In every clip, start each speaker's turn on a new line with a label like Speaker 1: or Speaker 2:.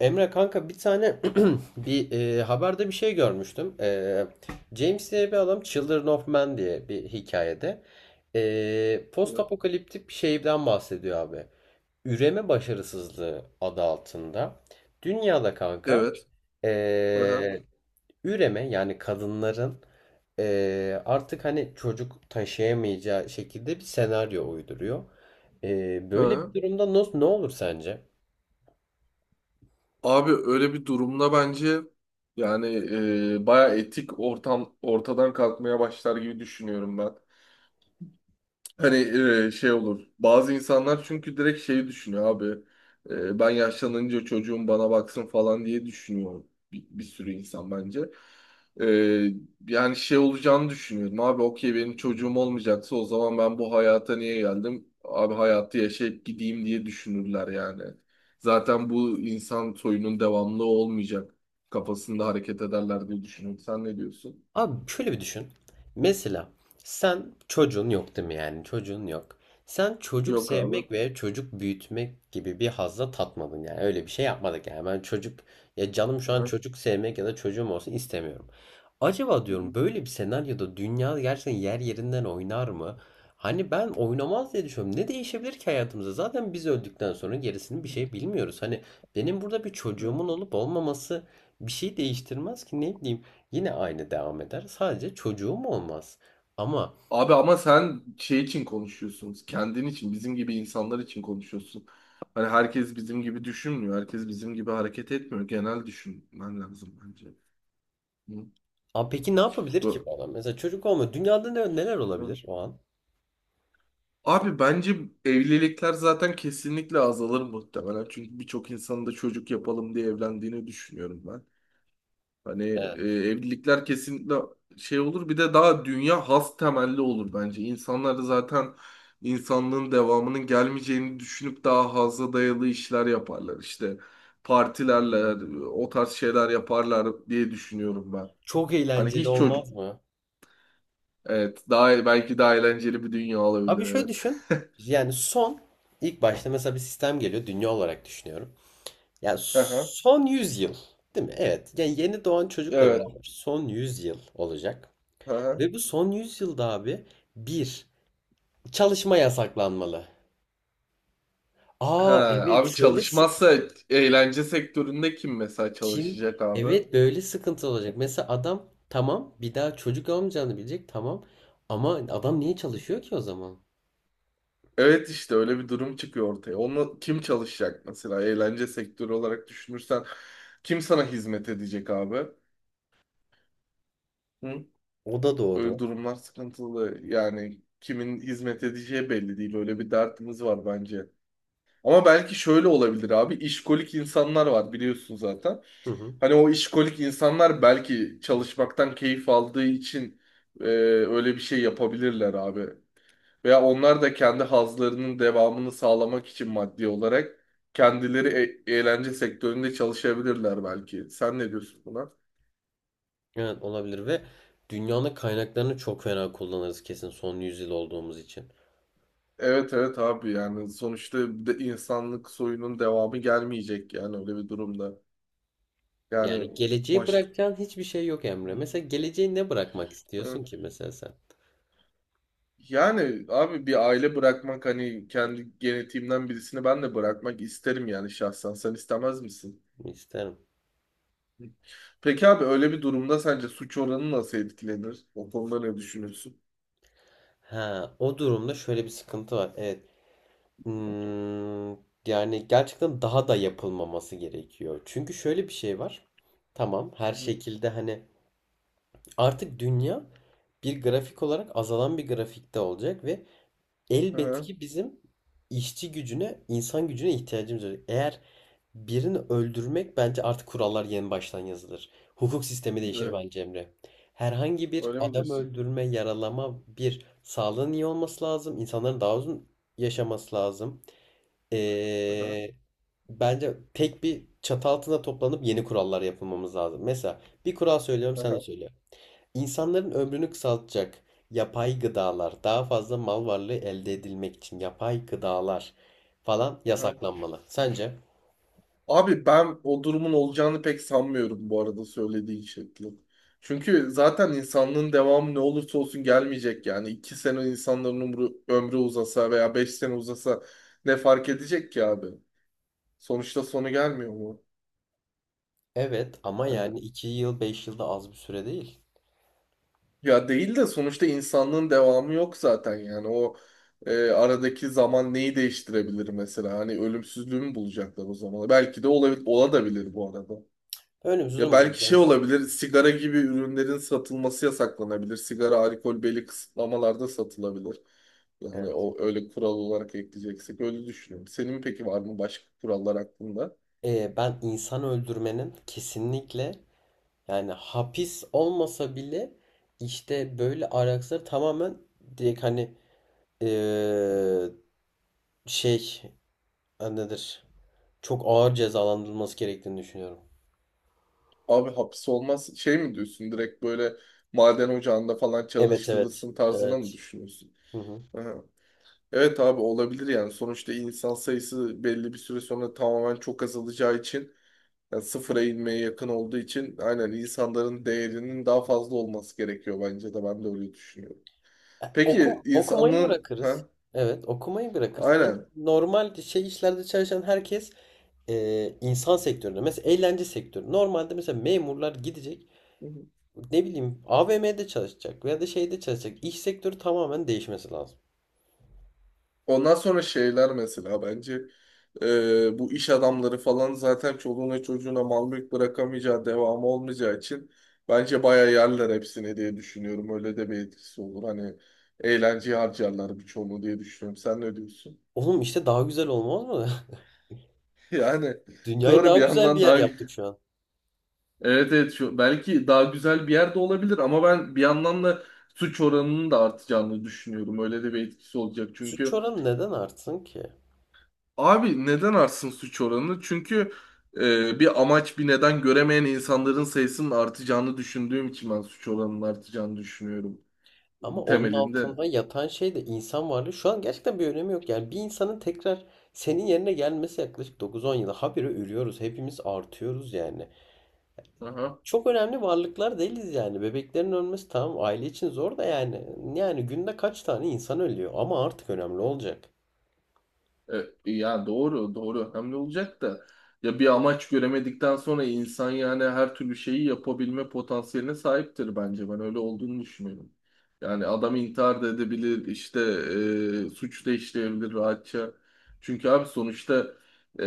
Speaker 1: Emre kanka bir tane bir haberde bir şey görmüştüm. James diye bir adam Children of Men diye bir hikayede post
Speaker 2: Evet.
Speaker 1: apokaliptik bir şeyden bahsediyor abi. Üreme başarısızlığı adı altında. Dünyada kanka
Speaker 2: Evet. Aha.
Speaker 1: e, üreme yani kadınların artık hani çocuk taşıyamayacağı şekilde bir senaryo uyduruyor. Böyle
Speaker 2: Aha.
Speaker 1: bir durumda nasıl ne olur sence?
Speaker 2: Abi öyle bir durumda bence yani baya etik ortam ortadan kalkmaya başlar gibi düşünüyorum ben. Hani şey olur. Bazı insanlar çünkü direkt şeyi düşünüyor abi. Ben yaşlanınca çocuğum bana baksın falan diye düşünüyor bir sürü insan bence. E, Yani şey olacağını düşünüyordum. Abi okey benim çocuğum olmayacaksa o zaman ben bu hayata niye geldim? Abi hayatı yaşayıp gideyim diye düşünürler yani. Zaten bu insan soyunun devamlı olmayacak kafasında hareket ederler diye düşünüyorum. Sen ne diyorsun?
Speaker 1: Abi şöyle bir düşün. Mesela sen çocuğun yok değil mi, yani çocuğun yok. Sen çocuk
Speaker 2: Yok abi.
Speaker 1: sevmek ve çocuk büyütmek gibi bir hazla tatmadın, yani öyle bir şey yapmadık yani ben çocuk ya canım şu an
Speaker 2: Aha.
Speaker 1: çocuk sevmek ya da çocuğum olsun istemiyorum. Acaba
Speaker 2: Hı
Speaker 1: diyorum,
Speaker 2: hı.
Speaker 1: böyle bir senaryoda dünya gerçekten yer yerinden oynar mı? Hani ben oynamaz diye düşünüyorum. Ne değişebilir ki hayatımızda? Zaten biz öldükten sonra gerisini bir şey bilmiyoruz. Hani benim burada bir
Speaker 2: Hı.
Speaker 1: çocuğumun olup olmaması bir şey değiştirmez ki, ne bileyim. Yine aynı devam eder. Sadece çocuğum olmaz. Ama
Speaker 2: Abi ama sen şey için konuşuyorsun. Kendin için, bizim gibi insanlar için konuşuyorsun. Hani herkes bizim gibi düşünmüyor. Herkes bizim gibi hareket etmiyor. Genel düşünmen lazım bence. Hı?
Speaker 1: peki ne yapabilir ki
Speaker 2: Bu.
Speaker 1: bu adam? Mesela çocuk olma. Dünyada ne, neler
Speaker 2: Hı.
Speaker 1: olabilir o an?
Speaker 2: Abi bence evlilikler zaten kesinlikle azalır muhtemelen. Çünkü birçok insanın da çocuk yapalım diye evlendiğini düşünüyorum ben. Hani
Speaker 1: Evet.
Speaker 2: evlilikler kesinlikle şey olur. Bir de daha dünya has temelli olur bence. İnsanlar da zaten insanlığın devamının gelmeyeceğini düşünüp daha haza dayalı işler yaparlar. İşte partilerle o tarz şeyler yaparlar diye düşünüyorum ben.
Speaker 1: Çok
Speaker 2: Hani
Speaker 1: eğlenceli
Speaker 2: hiç çocuk.
Speaker 1: olmaz mı?
Speaker 2: Evet. Daha belki daha eğlenceli bir dünya olabilir.
Speaker 1: Abi şöyle
Speaker 2: Evet.
Speaker 1: düşün. Yani son ilk başta mesela bir sistem geliyor. Dünya olarak düşünüyorum. Yani
Speaker 2: Aha,
Speaker 1: son 100 yıl. Değil mi? Evet. Yani yeni doğan çocukla
Speaker 2: evet.
Speaker 1: beraber son 100 yıl olacak.
Speaker 2: Aha.
Speaker 1: Ve bu son 100 yılda abi bir çalışma yasaklanmalı. Aa
Speaker 2: Ha,
Speaker 1: evet
Speaker 2: abi
Speaker 1: şöyle
Speaker 2: çalışmazsa eğlence sektöründe kim mesela
Speaker 1: kim?
Speaker 2: çalışacak abi?
Speaker 1: Evet, böyle sıkıntı olacak. Mesela adam tamam, bir daha çocuk olmayacağını bilecek, tamam. Ama adam niye çalışıyor ki o zaman?
Speaker 2: Evet işte öyle bir durum çıkıyor ortaya. Onu kim çalışacak mesela eğlence sektörü olarak düşünürsen kim sana hizmet edecek abi? Hı?
Speaker 1: O da
Speaker 2: Öyle
Speaker 1: doğru.
Speaker 2: durumlar sıkıntılı. Yani kimin hizmet edeceği belli değil. Öyle bir dertimiz var bence. Ama belki şöyle olabilir abi. İşkolik insanlar var biliyorsun zaten.
Speaker 1: Hı hı.
Speaker 2: Hani o işkolik insanlar belki çalışmaktan keyif aldığı için öyle bir şey yapabilirler abi. Veya onlar da kendi hazlarının devamını sağlamak için maddi olarak kendileri eğlence sektöründe çalışabilirler belki. Sen ne diyorsun buna?
Speaker 1: Evet olabilir ve dünyanın kaynaklarını çok fena kullanırız kesin, son yüzyıl olduğumuz için.
Speaker 2: Evet, abi yani sonuçta de insanlık soyunun devamı gelmeyecek yani öyle bir durumda. Yani
Speaker 1: Yani geleceği
Speaker 2: başka.
Speaker 1: bırakacağın hiçbir şey yok Emre. Mesela geleceği ne bırakmak
Speaker 2: Hı.
Speaker 1: istiyorsun ki mesela sen?
Speaker 2: Yani abi bir aile bırakmak hani kendi genetiğimden birisini ben de bırakmak isterim yani şahsen. Sen istemez misin?
Speaker 1: İsterim.
Speaker 2: Peki abi öyle bir durumda sence suç oranı nasıl etkilenir? O konuda ne düşünüyorsun?
Speaker 1: Ha, o durumda şöyle bir sıkıntı var. Evet. Hmm, yani gerçekten daha da yapılmaması gerekiyor. Çünkü şöyle bir şey var. Tamam, her şekilde hani artık dünya bir grafik olarak azalan bir grafikte olacak ve elbet
Speaker 2: Aha,
Speaker 1: ki bizim işçi gücüne, insan gücüne ihtiyacımız olacak. Eğer birini öldürmek, bence artık kurallar yeni baştan yazılır. Hukuk sistemi değişir
Speaker 2: evet.
Speaker 1: bence Emre. Herhangi bir
Speaker 2: Öyle mi
Speaker 1: adam
Speaker 2: diyorsun?
Speaker 1: öldürme, yaralama, bir sağlığın iyi olması lazım, İnsanların daha uzun yaşaması lazım.
Speaker 2: Aha,
Speaker 1: Ee, bence tek bir çatı altında toplanıp yeni kurallar yapılmamız lazım. Mesela bir kural söylüyorum, sen de
Speaker 2: aha,
Speaker 1: söyle. İnsanların ömrünü kısaltacak yapay gıdalar, daha fazla mal varlığı elde edilmek için yapay gıdalar falan
Speaker 2: aha.
Speaker 1: yasaklanmalı. Sence?
Speaker 2: Abi ben o durumun olacağını pek sanmıyorum bu arada söylediğin şekli. Çünkü zaten insanlığın devamı ne olursa olsun gelmeyecek yani. İki sene insanların ömrü uzasa veya beş sene uzasa ne fark edecek ki abi? Sonuçta sonu gelmiyor mu?
Speaker 1: Evet ama
Speaker 2: Hani,
Speaker 1: yani 2 yıl 5 yılda az bir süre değil.
Speaker 2: ya değil de sonuçta insanlığın devamı yok zaten yani. O aradaki zaman neyi değiştirebilir mesela? Hani ölümsüzlüğü mü bulacaklar o zaman? Belki de olabilir, ola da bilir bu arada.
Speaker 1: Önümüzü
Speaker 2: Ya belki şey
Speaker 1: bulacağız. Ama.
Speaker 2: olabilir, sigara gibi ürünlerin satılması yasaklanabilir. Sigara, alkol belli kısıtlamalarda satılabilir. Yani
Speaker 1: Evet.
Speaker 2: o öyle kural olarak ekleyeceksek öyle düşünüyorum. Senin peki var mı başka kurallar hakkında?
Speaker 1: Ben insan öldürmenin kesinlikle yani hapis olmasa bile, işte böyle araçları tamamen direkt hani eee, şey nedir? Çok ağır cezalandırılması gerektiğini düşünüyorum.
Speaker 2: Abi hapis olmaz şey mi diyorsun? Direkt böyle maden ocağında falan
Speaker 1: Evet evet.
Speaker 2: çalıştırılsın tarzına mı
Speaker 1: Evet.
Speaker 2: düşünüyorsun?
Speaker 1: Hı hı.
Speaker 2: Aha. Evet abi olabilir yani. Sonuçta insan sayısı belli bir süre sonra tamamen çok azalacağı için yani sıfıra inmeye yakın olduğu için aynen insanların değerinin daha fazla olması gerekiyor bence de ben de öyle düşünüyorum.
Speaker 1: Ya,
Speaker 2: Peki
Speaker 1: okumayı
Speaker 2: insanın
Speaker 1: bırakırız.
Speaker 2: ha
Speaker 1: Evet, okumayı bırakırız. Bence
Speaker 2: aynen.
Speaker 1: normal şey işlerde çalışan herkes insan sektöründe, mesela eğlence sektörü. Normalde mesela memurlar gidecek, ne bileyim AVM'de çalışacak veya da şeyde çalışacak. İş sektörü tamamen değişmesi lazım.
Speaker 2: Ondan sonra şeyler mesela bence bu iş adamları falan zaten çoluğuna çocuğuna mal mülk bırakamayacağı devamı olmayacağı için bence bayağı yerler hepsini diye düşünüyorum. Öyle de bir etkisi olur. Hani eğlenceye harcarlar birçoğunu diye düşünüyorum. Sen ne diyorsun?
Speaker 1: Oğlum işte daha güzel olmaz mı?
Speaker 2: Yani
Speaker 1: Dünyayı
Speaker 2: doğru
Speaker 1: daha
Speaker 2: bir
Speaker 1: güzel bir
Speaker 2: yandan
Speaker 1: yer
Speaker 2: daha.
Speaker 1: yaptık şu an.
Speaker 2: Evet, şu, belki daha güzel bir yerde olabilir ama ben bir yandan da suç oranının da artacağını düşünüyorum. Öyle de bir etkisi olacak.
Speaker 1: Suç
Speaker 2: Çünkü
Speaker 1: oranı neden artsın ki?
Speaker 2: abi neden artsın suç oranı? Çünkü bir amaç bir neden göremeyen insanların sayısının artacağını düşündüğüm için ben suç oranının artacağını düşünüyorum
Speaker 1: Ama onun
Speaker 2: temelinde.
Speaker 1: altında yatan şey de insan varlığı. Şu an gerçekten bir önemi yok. Yani bir insanın tekrar senin yerine gelmesi yaklaşık dokuz on yıla. Habire ölüyoruz. Hepimiz artıyoruz yani.
Speaker 2: Aha.
Speaker 1: Çok önemli varlıklar değiliz yani. Bebeklerin ölmesi tamam, aile için zor da yani. Yani günde kaç tane insan ölüyor? Ama artık önemli olacak.
Speaker 2: Ya doğru, doğru önemli olacak da ya bir amaç göremedikten sonra insan yani her türlü şeyi yapabilme potansiyeline sahiptir bence. Ben öyle olduğunu düşünüyorum. Yani adam intihar da edebilir, işte suç da işleyebilir rahatça. Çünkü abi sonuçta e,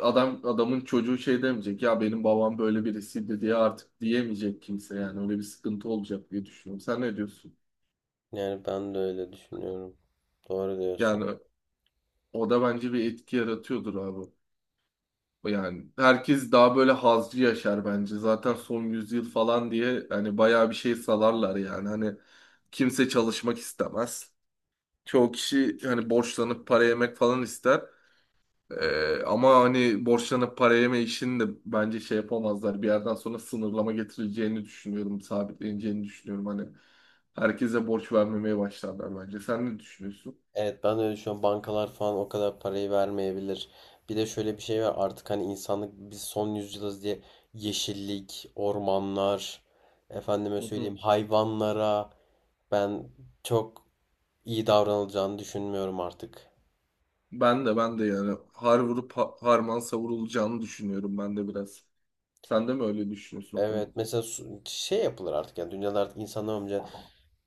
Speaker 2: adam adamın çocuğu şey demeyecek ya benim babam böyle birisiydi diye artık diyemeyecek kimse yani öyle bir sıkıntı olacak diye düşünüyorum. Sen ne diyorsun?
Speaker 1: Yani ben de öyle düşünüyorum. Doğru diyorsun.
Speaker 2: Yani o da bence bir etki yaratıyordur abi. Yani herkes daha böyle hazcı yaşar bence. Zaten son yüzyıl falan diye hani bayağı bir şey salarlar yani. Hani kimse çalışmak istemez. Çoğu kişi hani borçlanıp para yemek falan ister. Ama hani borçlanıp para yeme işini de bence şey yapamazlar. Bir yerden sonra sınırlama getireceğini düşünüyorum. Sabitleneceğini düşünüyorum. Hani herkese borç vermemeye başlarlar bence. Sen ne düşünüyorsun?
Speaker 1: Evet ben de öyle düşünüyorum. Bankalar falan o kadar parayı vermeyebilir. Bir de şöyle bir şey var, artık hani insanlık biz son yüzyılız diye yeşillik, ormanlar, efendime
Speaker 2: Hı hı.
Speaker 1: söyleyeyim hayvanlara ben çok iyi davranılacağını düşünmüyorum artık.
Speaker 2: Ben de yani har vurup harman savurulacağını düşünüyorum ben de biraz. Sen de mi öyle düşünüyorsun o konuda?
Speaker 1: Evet, mesela şey yapılır artık yani, dünyada artık insanlar önce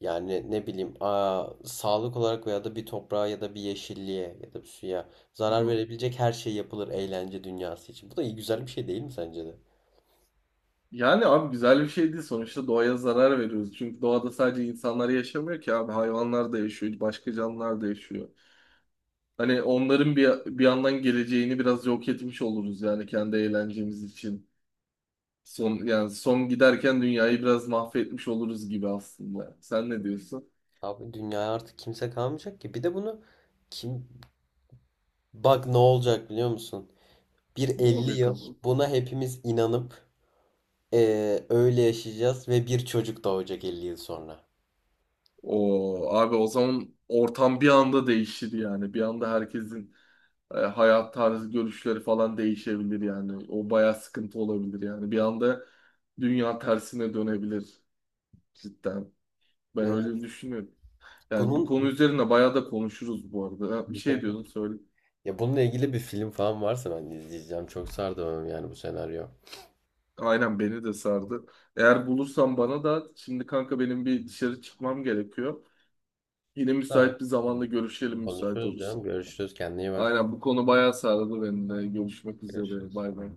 Speaker 1: yani ne bileyim sağlık olarak veya da bir toprağa ya da bir yeşilliğe ya da bir suya
Speaker 2: Hı
Speaker 1: zarar
Speaker 2: hı.
Speaker 1: verebilecek her şey yapılır eğlence dünyası için. Bu da iyi güzel bir şey değil mi sence de?
Speaker 2: Yani abi güzel bir şey değil sonuçta doğaya zarar veriyoruz. Çünkü doğada sadece insanlar yaşamıyor ki abi hayvanlar da yaşıyor, başka canlılar da yaşıyor. Hani onların bir yandan geleceğini biraz yok etmiş oluruz yani kendi eğlencemiz için. Son yani son giderken dünyayı biraz mahvetmiş oluruz gibi aslında. Sen ne diyorsun?
Speaker 1: Abi dünyaya artık kimse kalmayacak ki. Bir de bunu kim bak ne olacak biliyor musun? Bir
Speaker 2: Ne
Speaker 1: 50
Speaker 2: olacak
Speaker 1: yıl
Speaker 2: abi?
Speaker 1: buna hepimiz inanıp öyle yaşayacağız ve bir çocuk doğacak 50 yıl sonra.
Speaker 2: O abi o zaman ortam bir anda değişir yani. Bir anda herkesin hayat tarzı görüşleri falan değişebilir yani. O bayağı sıkıntı olabilir yani. Bir anda dünya tersine dönebilir cidden. Ben öyle
Speaker 1: Evet.
Speaker 2: düşünüyorum. Yani bu
Speaker 1: Bunun
Speaker 2: konu üzerine bayağı da konuşuruz bu arada. Ha, bir şey diyordum söyle.
Speaker 1: ya bununla ilgili bir film falan varsa ben izleyeceğim. Çok sardı bana yani bu senaryo.
Speaker 2: Aynen beni de sardı. Eğer bulursan bana da şimdi kanka benim bir dışarı çıkmam gerekiyor. Yine
Speaker 1: Tamam.
Speaker 2: müsait bir zamanda görüşelim müsait
Speaker 1: Konuşuruz
Speaker 2: olursa.
Speaker 1: canım. Görüşürüz. Kendine iyi bak.
Speaker 2: Aynen bu konu bayağı sardı beni de. Görüşmek üzere.
Speaker 1: Görüşürüz.
Speaker 2: Bay bay.